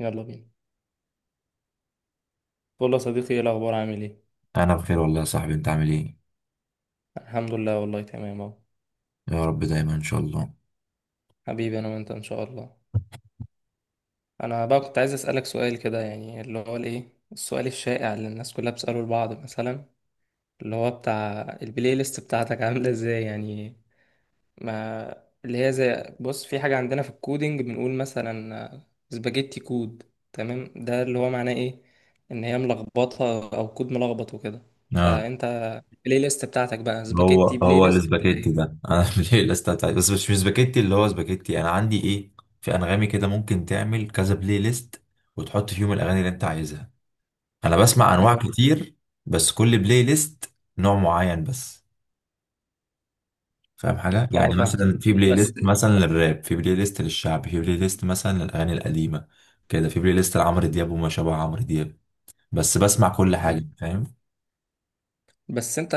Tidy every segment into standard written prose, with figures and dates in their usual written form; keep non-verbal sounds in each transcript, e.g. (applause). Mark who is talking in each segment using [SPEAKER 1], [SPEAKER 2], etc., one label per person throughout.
[SPEAKER 1] يلا بينا. والله يا صديقي، ايه الاخبار؟ عامل ايه؟
[SPEAKER 2] انا بخير والله يا صاحبي، انت عامل ايه؟
[SPEAKER 1] الحمد لله والله، تمام اهو.
[SPEAKER 2] يا رب دايما ان شاء الله.
[SPEAKER 1] حبيبي، انا وانت ان شاء الله. انا بقى كنت عايز اسالك سؤال كده، يعني اللي هو الايه، السؤال الشائع اللي الناس كلها بتساله لبعض مثلا، اللي هو بتاع البلاي ليست بتاعتك عامله ازاي يعني. ما اللي هي، زي بص، في حاجه عندنا في الكودينج بنقول مثلا سباجيتي كود، تمام؟ ده اللي هو معناه ايه، ان هي ملخبطه او كود ملخبط وكده.
[SPEAKER 2] اه.
[SPEAKER 1] فانت البلاي ليست بتاعتك بقى
[SPEAKER 2] هو
[SPEAKER 1] سباجيتي بلاي
[SPEAKER 2] هو
[SPEAKER 1] ليست ولا
[SPEAKER 2] الاسباجيتي
[SPEAKER 1] ايه؟
[SPEAKER 2] ده انا (laughs) ليه الاستاذ؟ بس مش سباجيتي، اللي هو سباجيتي انا عندي ايه في انغامي كده، ممكن تعمل كذا بلاي ليست وتحط فيهم الاغاني اللي انت عايزها. انا بسمع انواع
[SPEAKER 1] أه.
[SPEAKER 2] كتير، بس كل بلاي ليست نوع معين بس، فاهم حاجه؟
[SPEAKER 1] اه،
[SPEAKER 2] يعني
[SPEAKER 1] فاهم.
[SPEAKER 2] مثلا في بلاي
[SPEAKER 1] بس.
[SPEAKER 2] ليست مثلا للراب، في بلاي ليست للشعب، في بلاي ليست مثلا للاغاني القديمه كده، في بلاي ليست لعمرو دياب وما شابه عمرو دياب بس، بسمع كل
[SPEAKER 1] مم.
[SPEAKER 2] حاجه، فاهم.
[SPEAKER 1] بس انت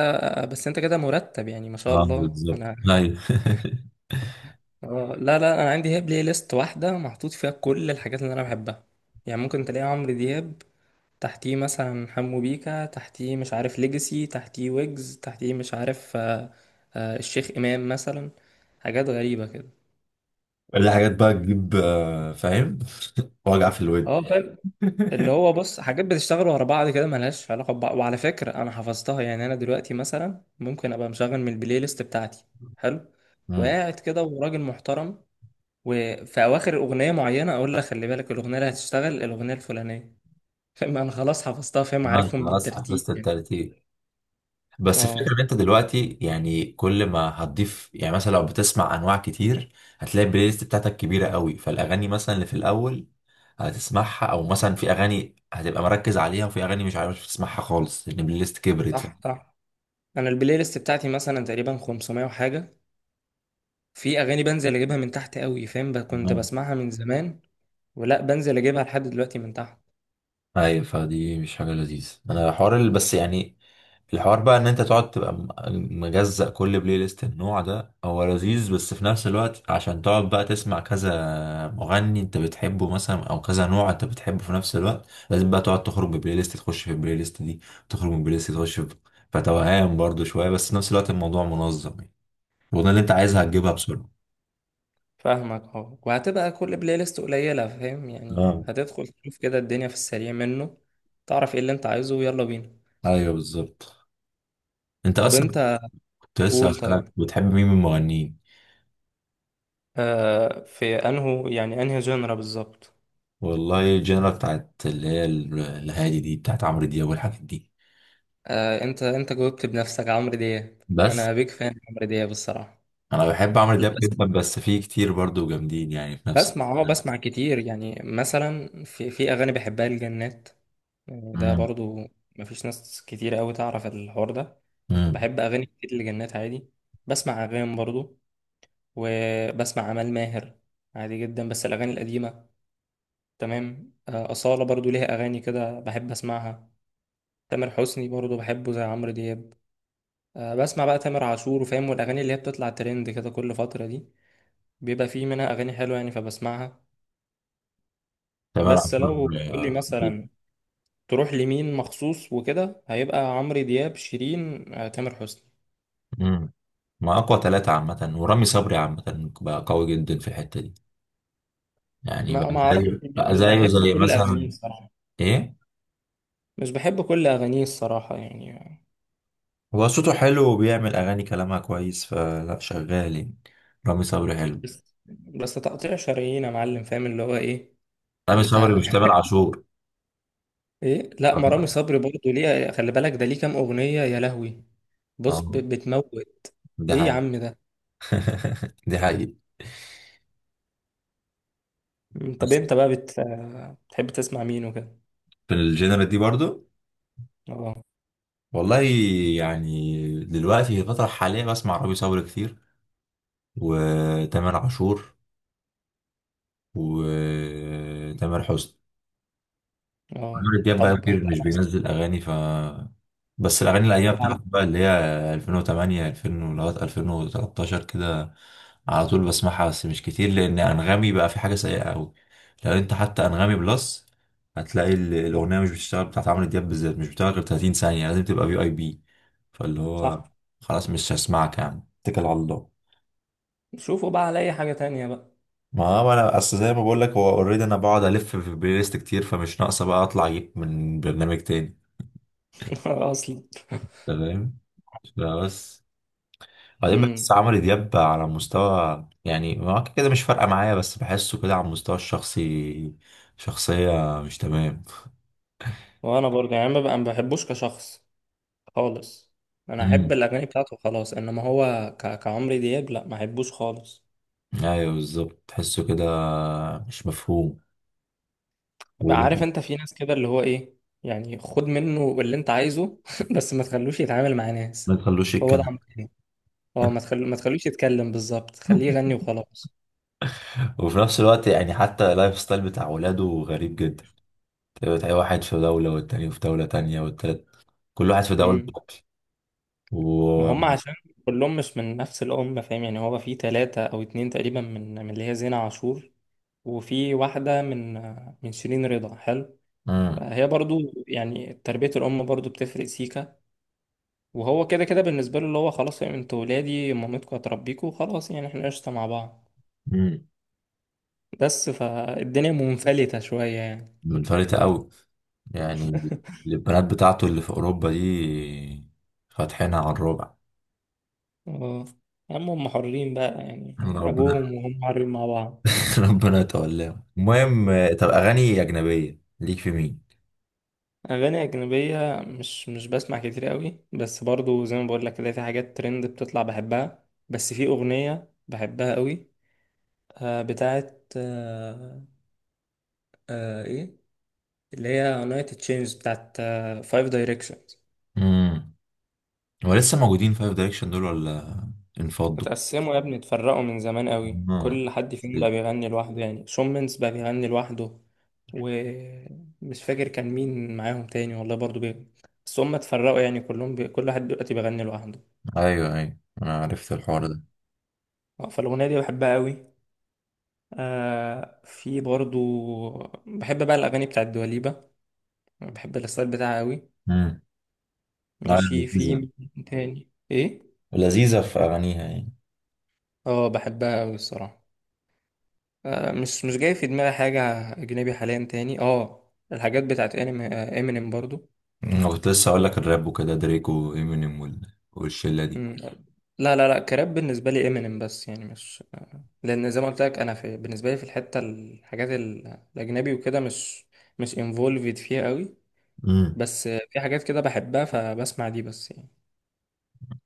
[SPEAKER 1] بس انت كده مرتب يعني ما شاء
[SPEAKER 2] اه
[SPEAKER 1] الله.
[SPEAKER 2] بالظبط،
[SPEAKER 1] انا
[SPEAKER 2] ايوه (laughs)
[SPEAKER 1] اه، لا لا، انا عندي هي بلاي ليست واحده محطوط فيها كل الحاجات اللي انا بحبها. يعني ممكن تلاقي عمرو دياب، تحتيه مثلا حمو بيكا، تحتيه مش عارف ليجاسي، تحتيه ويجز، تحتيه مش عارف الشيخ امام مثلا. حاجات غريبه كده.
[SPEAKER 2] اللي حاجات بقى تجيب آه، فاهم. (laughs) وجع في الود.
[SPEAKER 1] اه، فاهم. اللي
[SPEAKER 2] (laughs)
[SPEAKER 1] هو بص، حاجات بتشتغل ورا بعض كده ملهاش علاقة ببعض، وعلى فكرة أنا حفظتها. يعني أنا دلوقتي مثلا ممكن أبقى مشغل من البلاي ليست بتاعتي، حلو،
[SPEAKER 2] امم.
[SPEAKER 1] وقاعد كده وراجل محترم، وفي أواخر أغنية معينة أقول لك خلي بالك الأغنية اللي هتشتغل الأغنية الفلانية. فاهم أنا خلاص حفظتها، فاهم،
[SPEAKER 2] انا
[SPEAKER 1] عارفهم
[SPEAKER 2] خلاص
[SPEAKER 1] بالترتيب
[SPEAKER 2] حفظت
[SPEAKER 1] يعني.
[SPEAKER 2] الترتيب، بس الفكره ان
[SPEAKER 1] أه.
[SPEAKER 2] انت دلوقتي يعني كل ما هتضيف، يعني مثلا لو بتسمع انواع كتير هتلاقي البلاي ليست بتاعتك كبيره قوي، فالاغاني مثلا اللي في الاول هتسمعها، او مثلا في اغاني هتبقى مركز عليها، وفي اغاني مش عارف تسمعها خالص لان البلاي ليست كبرت،
[SPEAKER 1] صح، صح. أنا البلاي ليست بتاعتي مثلا تقريبا 500 وحاجة. في أغاني بنزل أجيبها من تحت قوي، فاهم، كنت
[SPEAKER 2] فاهم؟
[SPEAKER 1] بسمعها من زمان، ولا بنزل أجيبها لحد دلوقتي من تحت.
[SPEAKER 2] ايوه، فدي مش حاجه لذيذه. انا الحوار اللي بس يعني، الحوار بقى ان انت تقعد تبقى مجزأ كل بلاي ليست النوع ده، هو لذيذ بس في نفس الوقت عشان تقعد بقى تسمع كذا مغني انت بتحبه مثلا، او كذا نوع انت بتحبه، في نفس الوقت لازم بقى تقعد تخرج ببلاي ليست تخش في البلاي ليست دي، تخرج من البلاي ليست تخش في، فتوهان برضو شويه، بس في نفس الوقت الموضوع منظم يعني، الأغنية اللي انت عايزها هتجيبها بسرعه.
[SPEAKER 1] فاهمك، اه. وهتبقى كل بلاي ليست قليلة، فاهم يعني،
[SPEAKER 2] اه
[SPEAKER 1] هتدخل تشوف كده الدنيا في السريع منه. تعرف ايه اللي انت عايزه، ويلا بينا.
[SPEAKER 2] ايوه بالظبط. انت
[SPEAKER 1] طب
[SPEAKER 2] اصلا
[SPEAKER 1] انت،
[SPEAKER 2] كنت لسه
[SPEAKER 1] قول طيب.
[SPEAKER 2] هسألك، بتحب مين من المغنيين؟
[SPEAKER 1] آه، في انهو يعني انهي جنرا بالظبط؟
[SPEAKER 2] والله الجنرا بتاعت اللي هي الهادي دي، بتاعت عمرو دياب والحاجات دي
[SPEAKER 1] آه، انت انت جاوبت بنفسك، عمرو دياب.
[SPEAKER 2] بس.
[SPEAKER 1] انا بيك فان عمرو دياب الصراحة.
[SPEAKER 2] انا بحب عمرو
[SPEAKER 1] لا
[SPEAKER 2] دياب
[SPEAKER 1] بس،
[SPEAKER 2] جدا بس في كتير برضو جامدين يعني في نفس.
[SPEAKER 1] بسمع، اه بسمع كتير يعني. مثلا في اغاني بحبها، الجنات يعني، ده
[SPEAKER 2] امم.
[SPEAKER 1] برضو مفيش ناس كتير قوي تعرف الحوار ده.
[SPEAKER 2] امم.
[SPEAKER 1] بحب اغاني كتير لجنات، عادي. بسمع اغاني برضو، وبسمع عمال ماهر، عادي جدا، بس الأغاني القديمة. تمام. آه، أصالة برضو ليها أغاني كده بحب أسمعها. تامر حسني برضو بحبه زي عمرو دياب. آه، بسمع بقى تامر عاشور، وفاهم، والأغاني اللي هي بتطلع ترند كده كل فترة دي بيبقى فيه منها أغاني حلوة يعني، فبسمعها.
[SPEAKER 2] تامر
[SPEAKER 1] بس
[SPEAKER 2] عاشور.
[SPEAKER 1] لو تقول لي
[SPEAKER 2] آه، خطيب.
[SPEAKER 1] مثلا تروح لمين مخصوص وكده، هيبقى عمرو دياب، شيرين، آه، تامر حسني.
[SPEAKER 2] امم. ما اقوى ثلاثة عامة، ورامي صبري عامة بقى قوي جدا في الحتة دي، يعني بقى
[SPEAKER 1] ما أعرف،
[SPEAKER 2] زيه،
[SPEAKER 1] مش بحب
[SPEAKER 2] زي
[SPEAKER 1] كل أغانيه
[SPEAKER 2] مثلا.
[SPEAKER 1] الصراحة.
[SPEAKER 2] ايه؟
[SPEAKER 1] مش بحب كل أغانيه الصراحة يعني.
[SPEAKER 2] هو صوته حلو وبيعمل اغاني كلامها كويس، فلا شغال يعني. رامي صبري حلو.
[SPEAKER 1] بس تقطيع شرايين يا معلم، فاهم اللي هو ايه.
[SPEAKER 2] رامي صبري
[SPEAKER 1] انت
[SPEAKER 2] مش تامر عاشور.
[SPEAKER 1] ايه، لا، مرامي صبري برضه، ليه خلي بالك ده ليه كام اغنيه يا لهوي.
[SPEAKER 2] آه،
[SPEAKER 1] بص، بتموت.
[SPEAKER 2] ده
[SPEAKER 1] ايه يا
[SPEAKER 2] حقيقي.
[SPEAKER 1] عم ده.
[SPEAKER 2] (laughs) دي حقيقة.
[SPEAKER 1] مم، طب
[SPEAKER 2] بس.
[SPEAKER 1] انت بقى بتحب تسمع مين وكده؟
[SPEAKER 2] من الجنرال دي برضو.
[SPEAKER 1] اه.
[SPEAKER 2] والله، يعني دلوقتي في الفترة الحالية بسمع رامي صبري كتير، وتامر عاشور، وتامر حسني.
[SPEAKER 1] اه
[SPEAKER 2] عمرو دياب بقى
[SPEAKER 1] طب
[SPEAKER 2] كتير مش
[SPEAKER 1] هسألك.
[SPEAKER 2] بينزل اغاني، ف بس الاغاني الايام
[SPEAKER 1] طبعا.
[SPEAKER 2] بتاعته بقى، اللي هي 2008 2000 لغايه 2013 كده، على طول بسمعها بس مش كتير لان انغامي بقى في حاجه سيئه قوي. لو انت حتى انغامي بلس هتلاقي الاغنيه مش بتشتغل بتاعت عمرو دياب بالذات، مش بتشتغل غير 30 ثانيه، لازم تبقى في اي بي. فاللي هو،
[SPEAKER 1] صح.
[SPEAKER 2] خلاص مش هسمعك يا عم، اتكل على الله.
[SPEAKER 1] شوفوا بقى على اي حاجه تانية بقى.
[SPEAKER 2] ما هو انا اصل زي ما بقول لك، هو اوريدي انا بقعد الف في بلاي ليست كتير، فمش ناقصه بقى اطلع اجيب من برنامج تاني.
[SPEAKER 1] (laughs) اصلا.
[SPEAKER 2] تمام. بس بعدين بحس
[SPEAKER 1] امم.
[SPEAKER 2] عمرو دياب على مستوى، يعني هو كده كده مش فارقة معايا، بس بحسه كده على المستوى الشخصي شخصية مش تمام.
[SPEAKER 1] وانا برضه يعني ما بحبوش كشخص خالص. انا احب
[SPEAKER 2] امم.
[SPEAKER 1] الاغاني بتاعته خلاص، انما هو كعمرو دياب لا، ما احبوش خالص.
[SPEAKER 2] ايوه بالظبط، تحسه كده مش مفهوم.
[SPEAKER 1] ما عارف،
[SPEAKER 2] وولاده.
[SPEAKER 1] انت في ناس كده اللي هو ايه، يعني خد منه اللي انت عايزه، (laughs) بس ما تخلوش يتعامل مع
[SPEAKER 2] ما
[SPEAKER 1] ناس.
[SPEAKER 2] تخلوش
[SPEAKER 1] هو ده
[SPEAKER 2] يتكلم.
[SPEAKER 1] عمرو. اه، ما تخلوش يتكلم بالظبط، خليه يغني
[SPEAKER 2] (laughs)
[SPEAKER 1] وخلاص.
[SPEAKER 2] وفي نفس الوقت يعني حتى اللايف ستايل بتاع ولاده غريب جدا. تلاقي واحد في دولة والتاني في دولة تانية والتالت، كل واحد في دولة.
[SPEAKER 1] امم.
[SPEAKER 2] و...
[SPEAKER 1] ما هم عشان كلهم مش من نفس الأم، فاهم يعني. هو في ثلاثة أو اتنين تقريبا من من اللي هي زينة عاشور، وفي واحدة من من شيرين رضا، حلو. فهي برضو يعني تربية الأم برضو بتفرق، سيكا. وهو كده كده بالنسبة له اللي هو خلاص يعني، انتوا ولادي مامتكم هتربيكوا خلاص، يعني احنا قشطة مع بعض.
[SPEAKER 2] مم.
[SPEAKER 1] بس فالدنيا منفلتة شوية يعني.
[SPEAKER 2] منفلتة أوي يعني. البنات بتاعته اللي في أوروبا دي فاتحينها على الربع.
[SPEAKER 1] اه. يا عم هم حرين بقى يعني،
[SPEAKER 2] ربنا.
[SPEAKER 1] أبوهم وهم حرين مع بعض.
[SPEAKER 2] (laughs) ربنا يتولاهم المهم. آه، طب أغاني أجنبية ليك في مين؟
[SPEAKER 1] أغاني أجنبية، مش مش بسمع كتير قوي، بس برضو زي ما بقول لك كده، في حاجات ترند بتطلع بحبها. بس في أغنية بحبها قوي، بتاعت إيه، اللي هي United Change، بتاعت 5 Direction.
[SPEAKER 2] امم. هو لسه موجودين فايف دايركشن دول، ولا انفضوا؟
[SPEAKER 1] اتقسموا يا ابني، اتفرقوا من زمان قوي،
[SPEAKER 2] مم.
[SPEAKER 1] كل حد فيهم بقى بيغني لوحده يعني. شومنز بقى بيغني لوحده، ومش فاكر كان مين معاهم تاني والله برضو بس هم اتفرقوا يعني، كلهم كل واحد دلوقتي بيغني لوحده.
[SPEAKER 2] أيوه أنا عرفت الحوار ده.
[SPEAKER 1] اه، فالأغنية دي بحبها قوي. آه، في برضو، بحب بقى الأغاني بتاعت دواليبة، بحب الستايل بتاعها قوي.
[SPEAKER 2] امم. لا،
[SPEAKER 1] ماشي، في
[SPEAKER 2] لذيذة.
[SPEAKER 1] مين تاني ايه.
[SPEAKER 2] لذيذة في أغانيها يعني.
[SPEAKER 1] اه بحبها قوي الصراحة. آه، مش مش جاي في دماغي حاجة أجنبي حاليا تاني. اه، الحاجات بتاعت انمي، آه، امينيم برضو.
[SPEAKER 2] أنا كنت لسه أقول لك الراب وكده، دريك وإمينيم والشلة دي.
[SPEAKER 1] مم. لا لا لا، كراب بالنسبة لي امينيم بس يعني، مش آه، لأن زي ما قلت لك أنا، في بالنسبة لي في الحتة الحاجات الأجنبي وكده، مش مش انفولفد فيها قوي.
[SPEAKER 2] مم.
[SPEAKER 1] بس آه، في حاجات كده بحبها فبسمع دي بس يعني.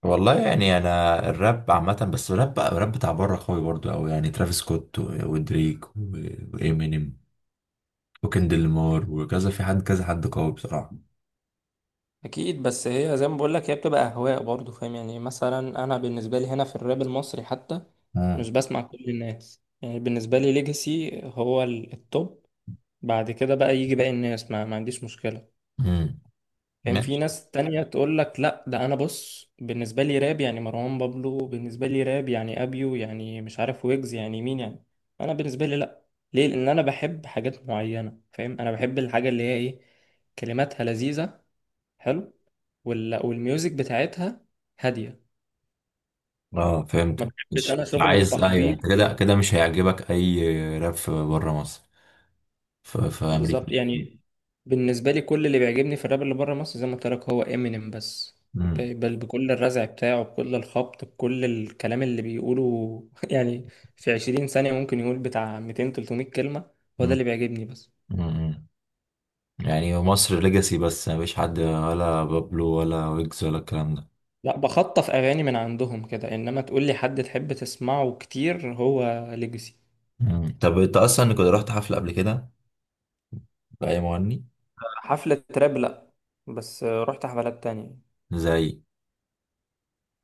[SPEAKER 2] والله يعني انا الراب عامه، بس الراب بقى الراب بتاع بره قوي برضو قوي، يعني ترافيس سكوت ودريك وامينيم وكندريك لامار وكذا، في حد كذا حد قوي بصراحه.
[SPEAKER 1] أكيد. بس هي زي ما بقول لك، هي بتبقى أهواء برضو، فاهم يعني. مثلا أنا بالنسبة لي هنا في الراب المصري حتى،
[SPEAKER 2] امم
[SPEAKER 1] مش بسمع كل الناس. يعني بالنسبة لي ليجاسي هو التوب، بعد كده بقى يجي باقي الناس، ما عنديش مشكلة.
[SPEAKER 2] امم
[SPEAKER 1] كان في
[SPEAKER 2] ماشي.
[SPEAKER 1] ناس تانية تقول لك لا ده، انا بص، بالنسبة لي راب يعني مروان بابلو، بالنسبة لي راب يعني ابيو، يعني مش عارف ويجز، يعني مين يعني. انا بالنسبة لي لا. ليه؟ لان انا بحب حاجات معينة، فاهم. انا بحب الحاجة اللي هي ايه، كلماتها لذيذة، حلو، والميوزك بتاعتها هادية.
[SPEAKER 2] اه
[SPEAKER 1] ما
[SPEAKER 2] فهمت،
[SPEAKER 1] بحبش
[SPEAKER 2] مش
[SPEAKER 1] انا
[SPEAKER 2] مش
[SPEAKER 1] شغل
[SPEAKER 2] عايز. ايوه،
[SPEAKER 1] التخبيط.
[SPEAKER 2] انت كده كده مش هيعجبك اي راب في بره مصر، في امريكا.
[SPEAKER 1] بالظبط يعني. بالنسبة لي كل اللي بيعجبني في الراب اللي بره مصر، زي ما قلت لك، هو امينيم بس.
[SPEAKER 2] امم.
[SPEAKER 1] ب- بل بكل الرزع بتاعه، بكل الخبط، بكل الكلام اللي بيقوله (laughs) يعني، في عشرين ثانية ممكن يقول بتاع ميتين تلتمية كلمة. هو ده
[SPEAKER 2] امم.
[SPEAKER 1] اللي بيعجبني بس.
[SPEAKER 2] امم. يعني مصر ليجاسي بس، مفيش حد ولا بابلو ولا ويجز ولا الكلام ده.
[SPEAKER 1] لا، بخطف أغاني من عندهم كده، إنما تقول لي حد تحب تسمعه كتير، هو ليجاسي.
[SPEAKER 2] مم. طب انت اصلا كنت رحت حفله قبل كده؟ باي مغني؟
[SPEAKER 1] حفلة راب لأ، بس رحت حفلات تانية.
[SPEAKER 2] زي؟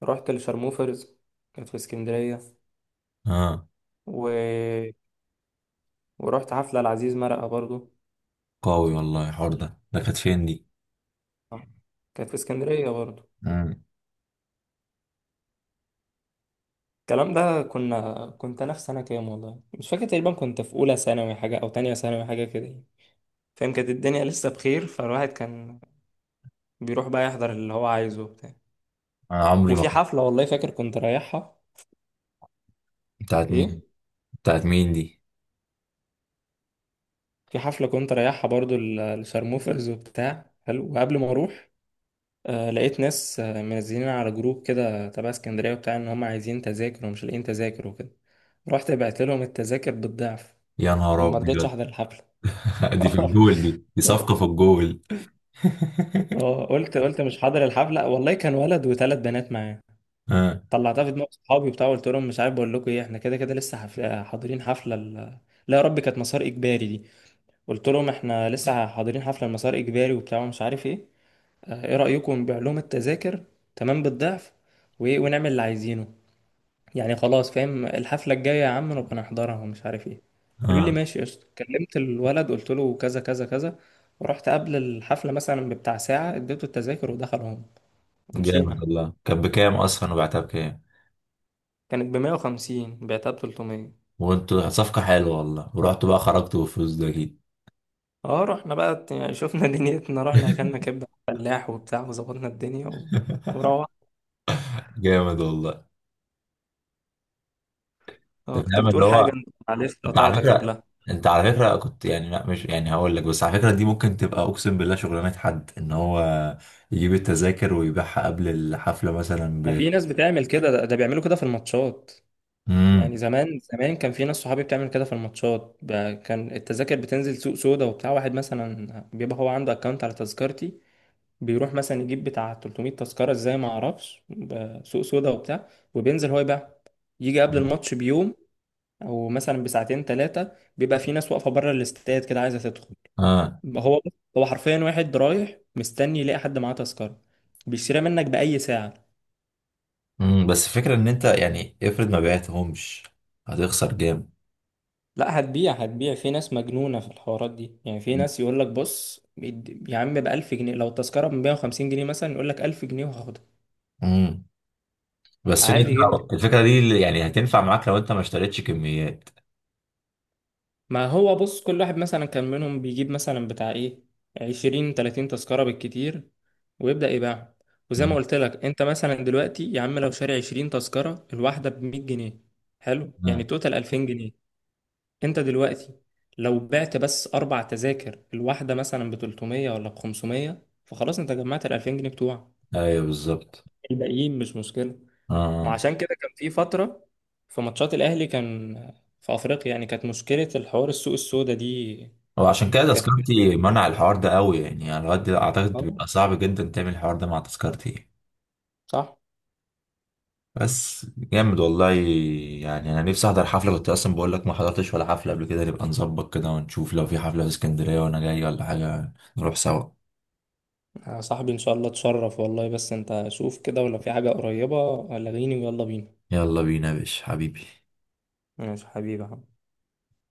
[SPEAKER 1] رحت لشارموفرز، كانت في اسكندرية،
[SPEAKER 2] اه
[SPEAKER 1] و... ورحت حفلة لعزيز مرقة برضو.
[SPEAKER 2] قوي والله الحوار ده، كانت فين دي؟
[SPEAKER 1] آه. كانت في اسكندرية برضه.
[SPEAKER 2] مم.
[SPEAKER 1] الكلام ده كنت أنا في سنة كام والله مش فاكر، تقريبا كنت في أولى ثانوي حاجة أو تانية ثانوي حاجة كده يعني. فاهم، كانت الدنيا لسه بخير، فالواحد كان بيروح بقى يحضر اللي هو عايزه وبتاع.
[SPEAKER 2] انا عمري ما.
[SPEAKER 1] وفي حفلة والله فاكر كنت رايحها.
[SPEAKER 2] بتاعت مين؟
[SPEAKER 1] إيه،
[SPEAKER 2] بتاعت مين دي؟
[SPEAKER 1] في حفلة كنت رايحها برضه لشارموفرز وبتاع، حلو، وقبل ما أروح آه لقيت ناس، آه، منزلين على جروب كده تبع اسكندرية وبتاع إن هم عايزين تذاكر ومش لاقيين تذاكر وكده. رحت بعت لهم التذاكر بالضعف،
[SPEAKER 2] يا نهار
[SPEAKER 1] وما رضيتش
[SPEAKER 2] ابيض.
[SPEAKER 1] أحضر الحفلة.
[SPEAKER 2] (laughs) دي في
[SPEAKER 1] (laughs)
[SPEAKER 2] الجول، دي دي صفقة في الجول. (laughs)
[SPEAKER 1] اه، قلت مش حاضر الحفله والله، كان ولد وثلاث بنات معاه.
[SPEAKER 2] اه
[SPEAKER 1] طلعتها في دماغ صحابي وبتاع، قلت لهم مش عارف بقول لكم ايه، احنا كده كده لسه حفله حاضرين حفله لا يا ربي كانت مسار اجباري دي، قلت لهم احنا لسه حاضرين حفله المسار اجباري وبتاع ومش عارف ايه. اه، ايه رايكم نبيع لهم التذاكر تمام بالضعف، وايه ونعمل اللي عايزينه يعني، خلاص، فاهم، الحفله الجايه يا عم نبقى نحضرها ومش عارف ايه. قالوا لي
[SPEAKER 2] اه.
[SPEAKER 1] ماشي قشطه، كلمت الولد قلت له كذا كذا كذا، ورحت قبل الحفله مثلا بتاع ساعه، اديته التذاكر ودخل
[SPEAKER 2] جامد
[SPEAKER 1] ومشينا.
[SPEAKER 2] والله، كانت بكام اصلا وبعتها بكام؟
[SPEAKER 1] كانت بمية وخمسين، بعتها بتلتمية.
[SPEAKER 2] وانتوا صفقة حلوة والله، ورحتوا بقى خرجتوا بالفلوس ده اكيد.
[SPEAKER 1] اه، رحنا بقى يعني شفنا (laughs) دنيتنا، رحنا اكلنا كبدة فلاح وبتاع وظبطنا الدنيا و...
[SPEAKER 2] (laughs)
[SPEAKER 1] وروح.
[SPEAKER 2] جامد والله.
[SPEAKER 1] اه
[SPEAKER 2] انت
[SPEAKER 1] كنت
[SPEAKER 2] فاهم اللي
[SPEAKER 1] بتقول
[SPEAKER 2] هو،
[SPEAKER 1] حاجة انت، معلش
[SPEAKER 2] انت على
[SPEAKER 1] قطعتك
[SPEAKER 2] فكره،
[SPEAKER 1] قبلها.
[SPEAKER 2] انت على فكره كنت يعني، لا مش يعني هقول لك، بس على فكره دي ممكن تبقى اقسم بالله شغلانه، حد ان هو يجيب التذاكر ويبيعها قبل الحفله مثلا
[SPEAKER 1] ما
[SPEAKER 2] ب.
[SPEAKER 1] في ناس بتعمل كده. ده بيعملوا كده في الماتشات. يعني
[SPEAKER 2] امم.
[SPEAKER 1] زمان كان في ناس صحابي بتعمل كده في الماتشات، كان التذاكر بتنزل سوق سودا وبتاع. واحد مثلا بيبقى هو عنده اكونت على تذكرتي، بيروح مثلا يجيب بتاع 300 تذكرة ازاي ما اعرفش، سوق سودا وبتاع، وبينزل هو يبيع. يجي قبل الماتش بيوم او مثلا بساعتين ثلاثه، بيبقى في ناس واقفه بره الاستاد كده عايزه تدخل.
[SPEAKER 2] اه.
[SPEAKER 1] هو هو حرفيا واحد رايح مستني يلاقي حد معاه تذكره، بيشتريها منك باي ساعه.
[SPEAKER 2] امم. بس الفكره ان انت يعني افرض ما بعتهمش، هتخسر جامد.
[SPEAKER 1] لا هتبيع، هتبيع، في ناس مجنونه في الحوارات دي يعني. في ناس يقول لك بص يا عم ب 1000 جنيه، لو التذكره ب 150 جنيه مثلا يقول لك 1000 جنيه وهاخدها،
[SPEAKER 2] امم. بس
[SPEAKER 1] عادي جدا.
[SPEAKER 2] (laughs) الفكره دي اللي يعني هتنفع معاك لو انت ما اشتريتش كميات.
[SPEAKER 1] ما هو بص، كل واحد مثلا كان منهم بيجيب مثلا بتاع ايه، عشرين تلاتين تذكرة بالكتير، ويبدأ يبيعهم. وزي ما
[SPEAKER 2] امم
[SPEAKER 1] قلت لك انت، مثلا دلوقتي يا عم لو شاري عشرين تذكرة، الواحدة بمية جنيه، حلو، يعني
[SPEAKER 2] امم.
[SPEAKER 1] توتال ألفين جنيه. انت دلوقتي لو بعت بس أربع تذاكر الواحدة مثلا بتلتمية ولا بخمسمية، فخلاص انت جمعت الألفين جنيه بتوعك،
[SPEAKER 2] ايوه بالظبط.
[SPEAKER 1] الباقيين مش مشكلة. ما
[SPEAKER 2] اه،
[SPEAKER 1] عشان كده كان في فترة في ماتشات الأهلي كان في أفريقيا يعني، كانت مشكلة الحوار السوق السودا دي.
[SPEAKER 2] هو عشان كده
[SPEAKER 1] كان.
[SPEAKER 2] تذكرتي منع الحوار
[SPEAKER 1] (laughs)
[SPEAKER 2] ده قوي، يعني على قد اعتقد
[SPEAKER 1] آه،
[SPEAKER 2] بيبقى صعب جدا تعمل الحوار ده مع تذكرتي.
[SPEAKER 1] صح.
[SPEAKER 2] بس جامد والله، يعني انا نفسي احضر حفله، كنت اصلا بقول لك ما حضرتش ولا حفله قبل كده. نبقى نظبط كده ونشوف، لو في حفله في اسكندريه وانا جاي ولا حاجه نروح سوا.
[SPEAKER 1] آه، صاحبي ان شاء الله تشرف والله، بس انت شوف كده ولا في حاجة قريبة، لغيني ويلا بينا.
[SPEAKER 2] يلا بينا يا باشا حبيبي.
[SPEAKER 1] ماشي حبيبي.